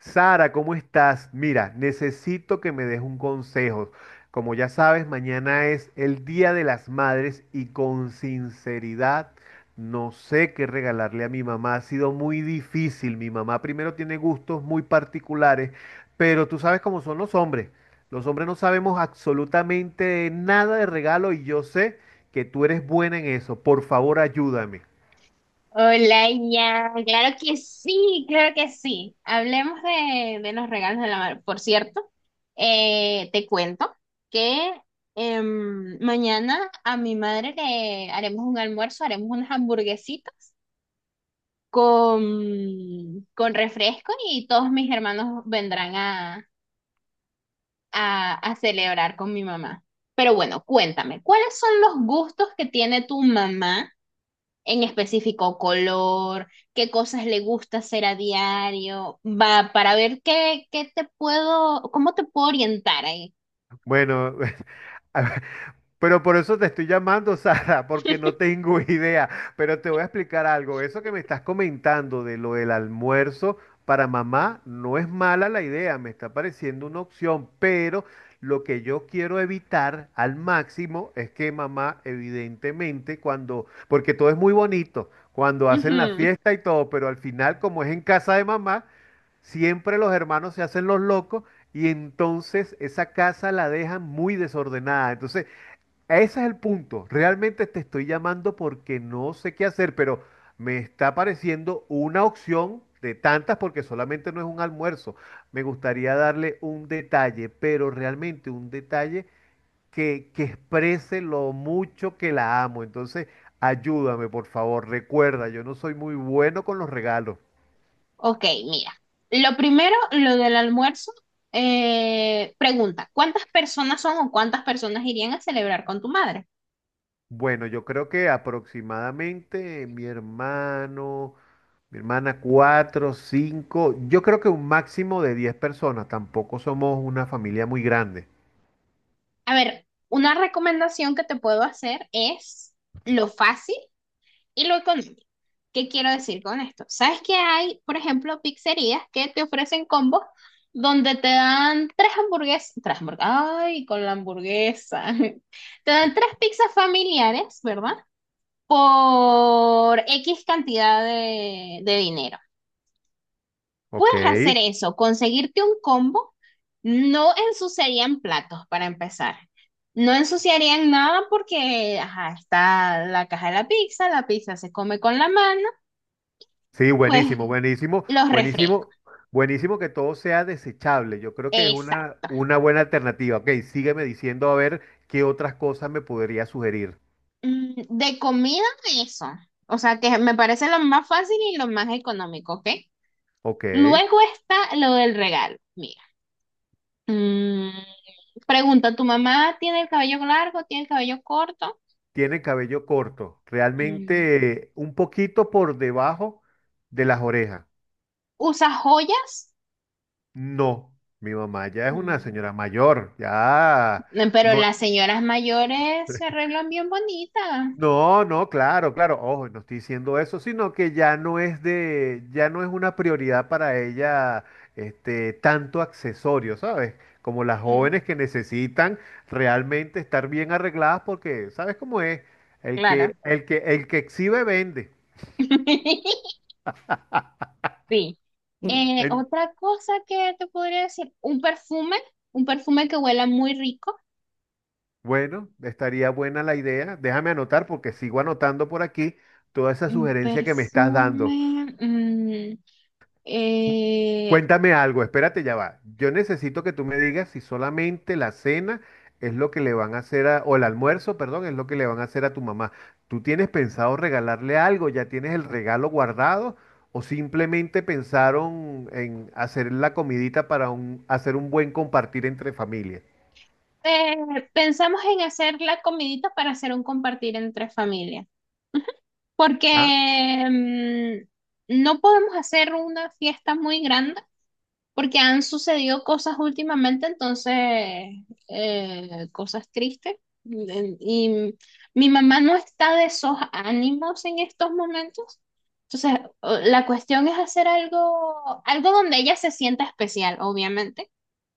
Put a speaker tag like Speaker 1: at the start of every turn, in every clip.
Speaker 1: Sara, ¿cómo estás? Mira, necesito que me des un consejo. Como ya sabes, mañana es el Día de las Madres y con sinceridad no sé qué regalarle a mi mamá. Ha sido muy difícil. Mi mamá primero tiene gustos muy particulares, pero tú sabes cómo son los hombres. Los hombres no sabemos absolutamente nada de regalo y yo sé que tú eres buena en eso. Por favor, ayúdame.
Speaker 2: Hola, ya, claro que sí, claro que sí. Hablemos de los regalos de la madre. Por cierto, te cuento que mañana a mi madre le haremos un almuerzo, haremos unas hamburguesitas con refresco y todos mis hermanos vendrán a celebrar con mi mamá. Pero bueno, cuéntame, ¿cuáles son los gustos que tiene tu mamá? En específico color, qué cosas le gusta hacer a diario, va, para ver cómo te puedo orientar ahí.
Speaker 1: Bueno, a pero por eso te estoy llamando, Sara, porque no tengo idea. Pero te voy a explicar algo. Eso que me estás comentando de lo del almuerzo para mamá, no es mala la idea, me está pareciendo una opción, pero lo que yo quiero evitar al máximo es que mamá, evidentemente, cuando, porque todo es muy bonito, cuando hacen la
Speaker 2: Ujú.
Speaker 1: fiesta y todo, pero al final, como es en casa de mamá, siempre los hermanos se hacen los locos y entonces esa casa la dejan muy desordenada. Entonces, ese es el punto. Realmente te estoy llamando porque no sé qué hacer, pero me está pareciendo una opción de tantas porque solamente no es un almuerzo. Me gustaría darle un detalle, pero realmente un detalle que exprese lo mucho que la amo. Entonces, ayúdame, por favor. Recuerda, yo no soy muy bueno con los regalos.
Speaker 2: Ok, mira. Lo primero, lo del almuerzo. Pregunta, ¿cuántas personas son o cuántas personas irían a celebrar con tu madre?
Speaker 1: Bueno, yo creo que aproximadamente mi hermano, mi hermana, cuatro, cinco, yo creo que un máximo de 10 personas. Tampoco somos una familia muy grande.
Speaker 2: A ver, una recomendación que te puedo hacer es lo fácil y lo económico. ¿Qué quiero decir con esto? ¿Sabes que hay, por ejemplo, pizzerías que te ofrecen combos donde te dan tres hamburguesas, ay, con la hamburguesa, te dan tres pizzas familiares, ¿verdad? Por X cantidad de dinero.
Speaker 1: Ok.
Speaker 2: Puedes hacer eso, conseguirte un combo, no ensuciarían platos para empezar. No ensuciarían nada porque, ajá, está la caja de la pizza se come con la mano,
Speaker 1: Sí,
Speaker 2: pues
Speaker 1: buenísimo, buenísimo,
Speaker 2: los refrescos.
Speaker 1: buenísimo, buenísimo que todo sea desechable. Yo creo que es una,
Speaker 2: Exacto.
Speaker 1: una buena alternativa. Ok, sígueme diciendo a ver qué otras cosas me podría sugerir.
Speaker 2: De comida, eso. O sea, que me parece lo más fácil y lo más económico, ¿ok?
Speaker 1: Ok.
Speaker 2: Luego está lo del regalo. Mira. Mm, Pregunta, ¿tu mamá tiene el cabello largo? ¿Tiene el cabello corto?
Speaker 1: Tiene cabello corto,
Speaker 2: Mm,
Speaker 1: realmente un poquito por debajo de las orejas.
Speaker 2: ¿usa joyas?
Speaker 1: No, mi mamá ya es una
Speaker 2: Mm,
Speaker 1: señora mayor, ya
Speaker 2: pero
Speaker 1: no,
Speaker 2: las señoras mayores se arreglan bien bonitas.
Speaker 1: no, no, claro, claro, ojo, no estoy diciendo eso, sino que ya no es de, ya no es una prioridad para ella, este, tanto accesorio, ¿sabes? Como las
Speaker 2: Mm,
Speaker 1: jóvenes que necesitan realmente estar bien arregladas porque, ¿sabes cómo es? El que,
Speaker 2: claro.
Speaker 1: el que, el que exhibe vende.
Speaker 2: Sí.
Speaker 1: En-
Speaker 2: Otra cosa que te podría decir, un perfume que huela muy rico.
Speaker 1: bueno, estaría buena la idea. Déjame anotar porque sigo anotando por aquí toda esa
Speaker 2: Un
Speaker 1: sugerencia que me estás dando.
Speaker 2: perfume. Eh,
Speaker 1: Cuéntame algo, espérate, ya va. Yo necesito que tú me digas si solamente la cena es lo que le van a hacer a, o el almuerzo, perdón, es lo que le van a hacer a tu mamá. ¿Tú tienes pensado regalarle algo? ¿Ya tienes el regalo guardado? ¿O simplemente pensaron en hacer la comidita para un- hacer un buen compartir entre familias?
Speaker 2: Pensamos en hacer la comidita para hacer un compartir entre familias, porque
Speaker 1: Ah,
Speaker 2: no podemos hacer una fiesta muy grande. Porque han sucedido cosas últimamente, entonces, cosas tristes. Y mi mamá no está de esos ánimos en estos momentos. Entonces, o- la cuestión es hacer algo, algo donde ella se sienta especial, obviamente,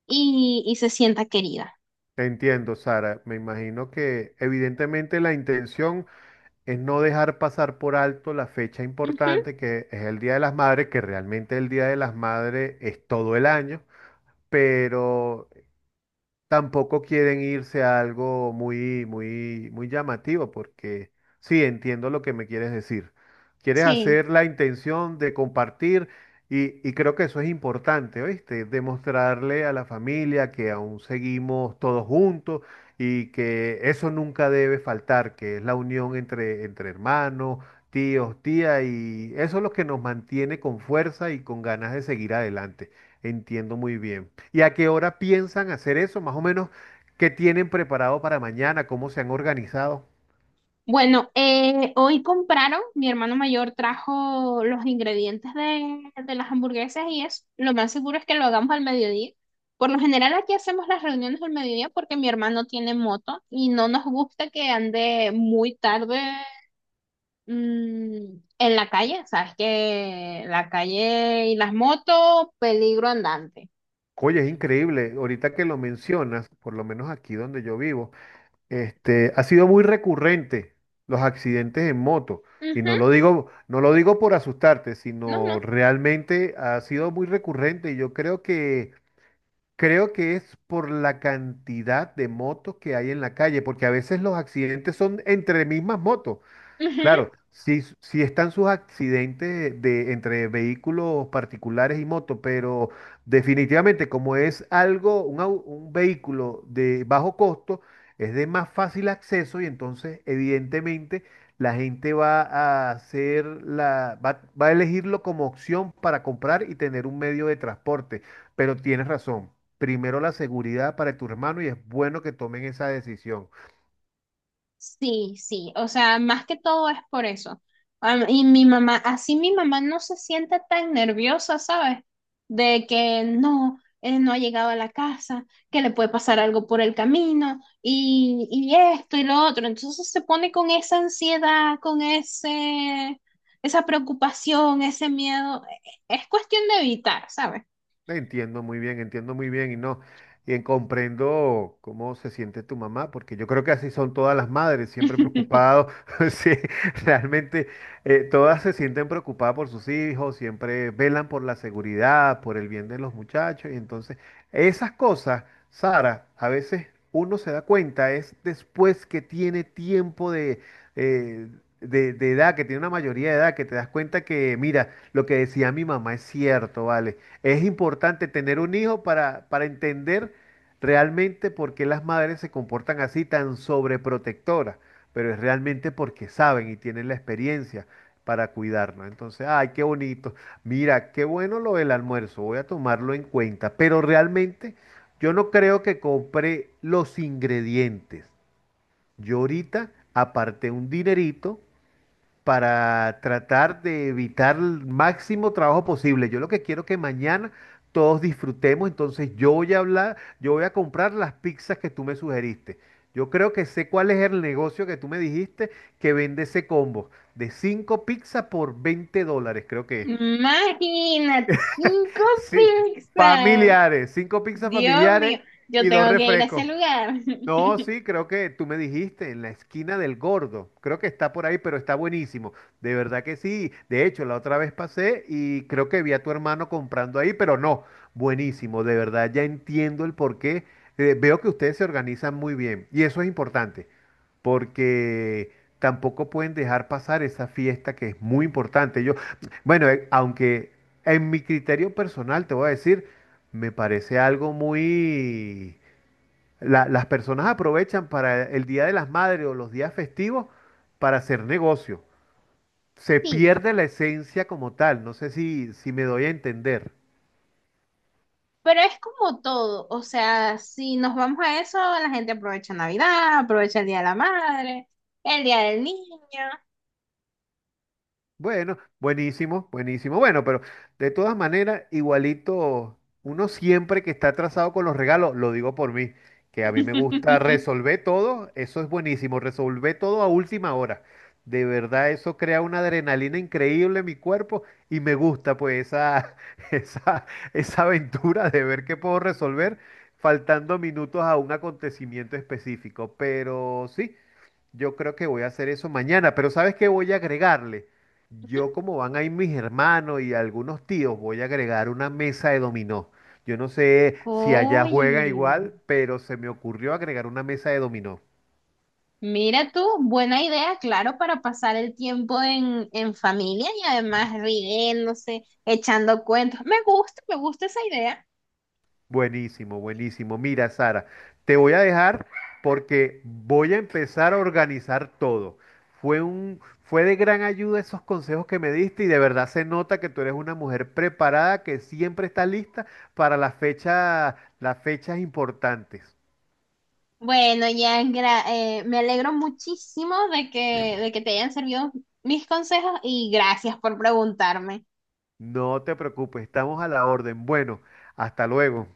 Speaker 2: y se sienta querida.
Speaker 1: te entiendo, Sara. Me imagino que evidentemente la intención es no dejar pasar por alto la fecha
Speaker 2: Ujú.
Speaker 1: importante que es el Día de las Madres, que realmente el Día de las Madres es todo el año, pero tampoco quieren irse a algo muy, muy, muy llamativo, porque sí, entiendo lo que me quieres decir. Quieres
Speaker 2: Sí.
Speaker 1: hacer la intención de compartir y creo que eso es importante, ¿oíste? Demostrarle a la familia que aún seguimos todos juntos y que eso nunca debe faltar, que es la unión entre hermanos, tíos, tías, y eso es lo que nos mantiene con fuerza y con ganas de seguir adelante. Entiendo muy bien. ¿Y a qué hora piensan hacer eso? Más o menos, ¿qué tienen preparado para mañana? ¿Cómo se han organizado?
Speaker 2: Bueno, hoy compraron, mi hermano mayor trajo los ingredientes de las hamburguesas y es lo más seguro es que lo hagamos al mediodía. Por lo general aquí hacemos las reuniones al mediodía porque mi hermano tiene moto y no nos gusta que ande muy tarde en la calle. Sabes que la calle y las motos, peligro andante.
Speaker 1: Oye, es increíble. Ahorita que lo mencionas, por lo menos aquí donde yo vivo, este, ha sido muy recurrente los accidentes en moto. Y
Speaker 2: Ujú,
Speaker 1: no lo digo por asustarte,
Speaker 2: no,
Speaker 1: sino
Speaker 2: no.
Speaker 1: realmente ha sido muy recurrente. Y yo creo que es por la cantidad de motos que hay en la calle, porque a veces los accidentes son entre mismas motos.
Speaker 2: Ujú.
Speaker 1: Claro, sí, sí están sus accidentes de, entre vehículos particulares y motos, pero definitivamente como es algo, un vehículo de bajo costo, es de más fácil acceso y entonces evidentemente la gente va a hacer la, va, va a elegirlo como opción para comprar y tener un medio de transporte. Pero tienes razón, primero la seguridad para tu hermano y es bueno que tomen esa decisión.
Speaker 2: Sí, sí, o sea, más que todo es por eso. Am- Y mi mamá, así mi mamá no se siente tan nerviosa, ¿sabes? De que no, no ha llegado a la casa, que le puede pasar algo por el camino y esto y lo otro. Entonces se pone con esa ansiedad, esa preocupación, ese miedo. E- Es cuestión de evitar, ¿sabes?
Speaker 1: Entiendo muy bien y no, y comprendo cómo se siente tu mamá, porque yo creo que así son todas las madres, siempre preocupados, sí, realmente todas se sienten preocupadas por sus hijos, siempre velan por la seguridad, por el bien de los muchachos, y entonces esas cosas, Sara, a veces uno se da cuenta, es después que tiene tiempo eh, de edad, que tiene una mayoría de edad, que te das cuenta que, mira, lo que decía mi mamá es cierto, ¿vale? Es importante tener un hijo para entender realmente por qué las madres se comportan así tan sobreprotectoras, pero es realmente porque saben y tienen la experiencia para cuidarnos. Entonces, ay, qué bonito. Mira, qué bueno lo del almuerzo, voy a tomarlo en cuenta, pero realmente yo no creo que compre los ingredientes. Yo ahorita aparté un dinerito para tratar de evitar el máximo trabajo posible. Yo lo que quiero que mañana todos disfrutemos, entonces yo voy a hablar, yo voy a comprar las pizzas que tú me sugeriste. Yo creo que sé cuál es el negocio que tú me dijiste que vende ese combo de 5 pizzas por $20, creo que es.
Speaker 2: Imagínate, cinco
Speaker 1: Sí,
Speaker 2: pizzas.
Speaker 1: familiares, 5 pizzas
Speaker 2: Dios
Speaker 1: familiares
Speaker 2: mío, yo
Speaker 1: y dos
Speaker 2: tengo que ir a ese
Speaker 1: refrescos.
Speaker 2: lugar.
Speaker 1: No, sí, creo que tú me dijiste en la esquina del Gordo. Creo que está por ahí, pero está buenísimo. De verdad que sí. De hecho, la otra vez pasé y creo que vi a tu hermano comprando ahí, pero no, buenísimo. De verdad, ya entiendo el porqué. Veo que ustedes se organizan muy bien y eso es importante, porque tampoco pueden dejar pasar esa fiesta que es muy importante. Yo, bueno, aunque en mi criterio personal te voy a decir, me parece algo muy las personas aprovechan para el Día de las Madres o los días festivos para hacer negocio. Se
Speaker 2: Sí,
Speaker 1: pierde la esencia como tal. No sé si me doy a entender.
Speaker 2: pero es como todo, o sea, si nos vamos a eso, la gente aprovecha Navidad, aprovecha el Día de la Madre, el Día del Niño.
Speaker 1: Bueno, buenísimo, buenísimo. Bueno, pero de todas maneras, igualito, uno siempre que está atrasado con los regalos, lo digo por mí, que a mí me gusta resolver todo, eso es buenísimo, resolver todo a última hora. De verdad, eso crea una adrenalina increíble en mi cuerpo y me gusta pues esa, esa, esa aventura de ver qué puedo resolver faltando minutos a un acontecimiento específico. Pero sí. Yo creo que voy a hacer eso mañana, pero ¿sabes qué voy a agregarle? Yo como van ahí mis hermanos y algunos tíos, voy a agregar una mesa de dominó. Yo no sé si allá juega
Speaker 2: Uy,
Speaker 1: igual, pero se me ocurrió agregar una mesa de dominó.
Speaker 2: mira tú, buena idea, claro, para pasar el tiempo en familia y además riéndose, echando cuentos. Me gusta esa idea.
Speaker 1: Buenísimo, buenísimo. Mira, Sara, te voy a dejar porque voy a empezar a organizar todo. Fue de gran ayuda esos consejos que me diste y de verdad se nota que tú eres una mujer preparada que siempre está lista para las fechas importantes.
Speaker 2: Bueno, ya gra- me alegro muchísimo de que te hayan servido mis consejos y gracias por preguntarme.
Speaker 1: No te preocupes, estamos a la orden. Bueno, hasta luego.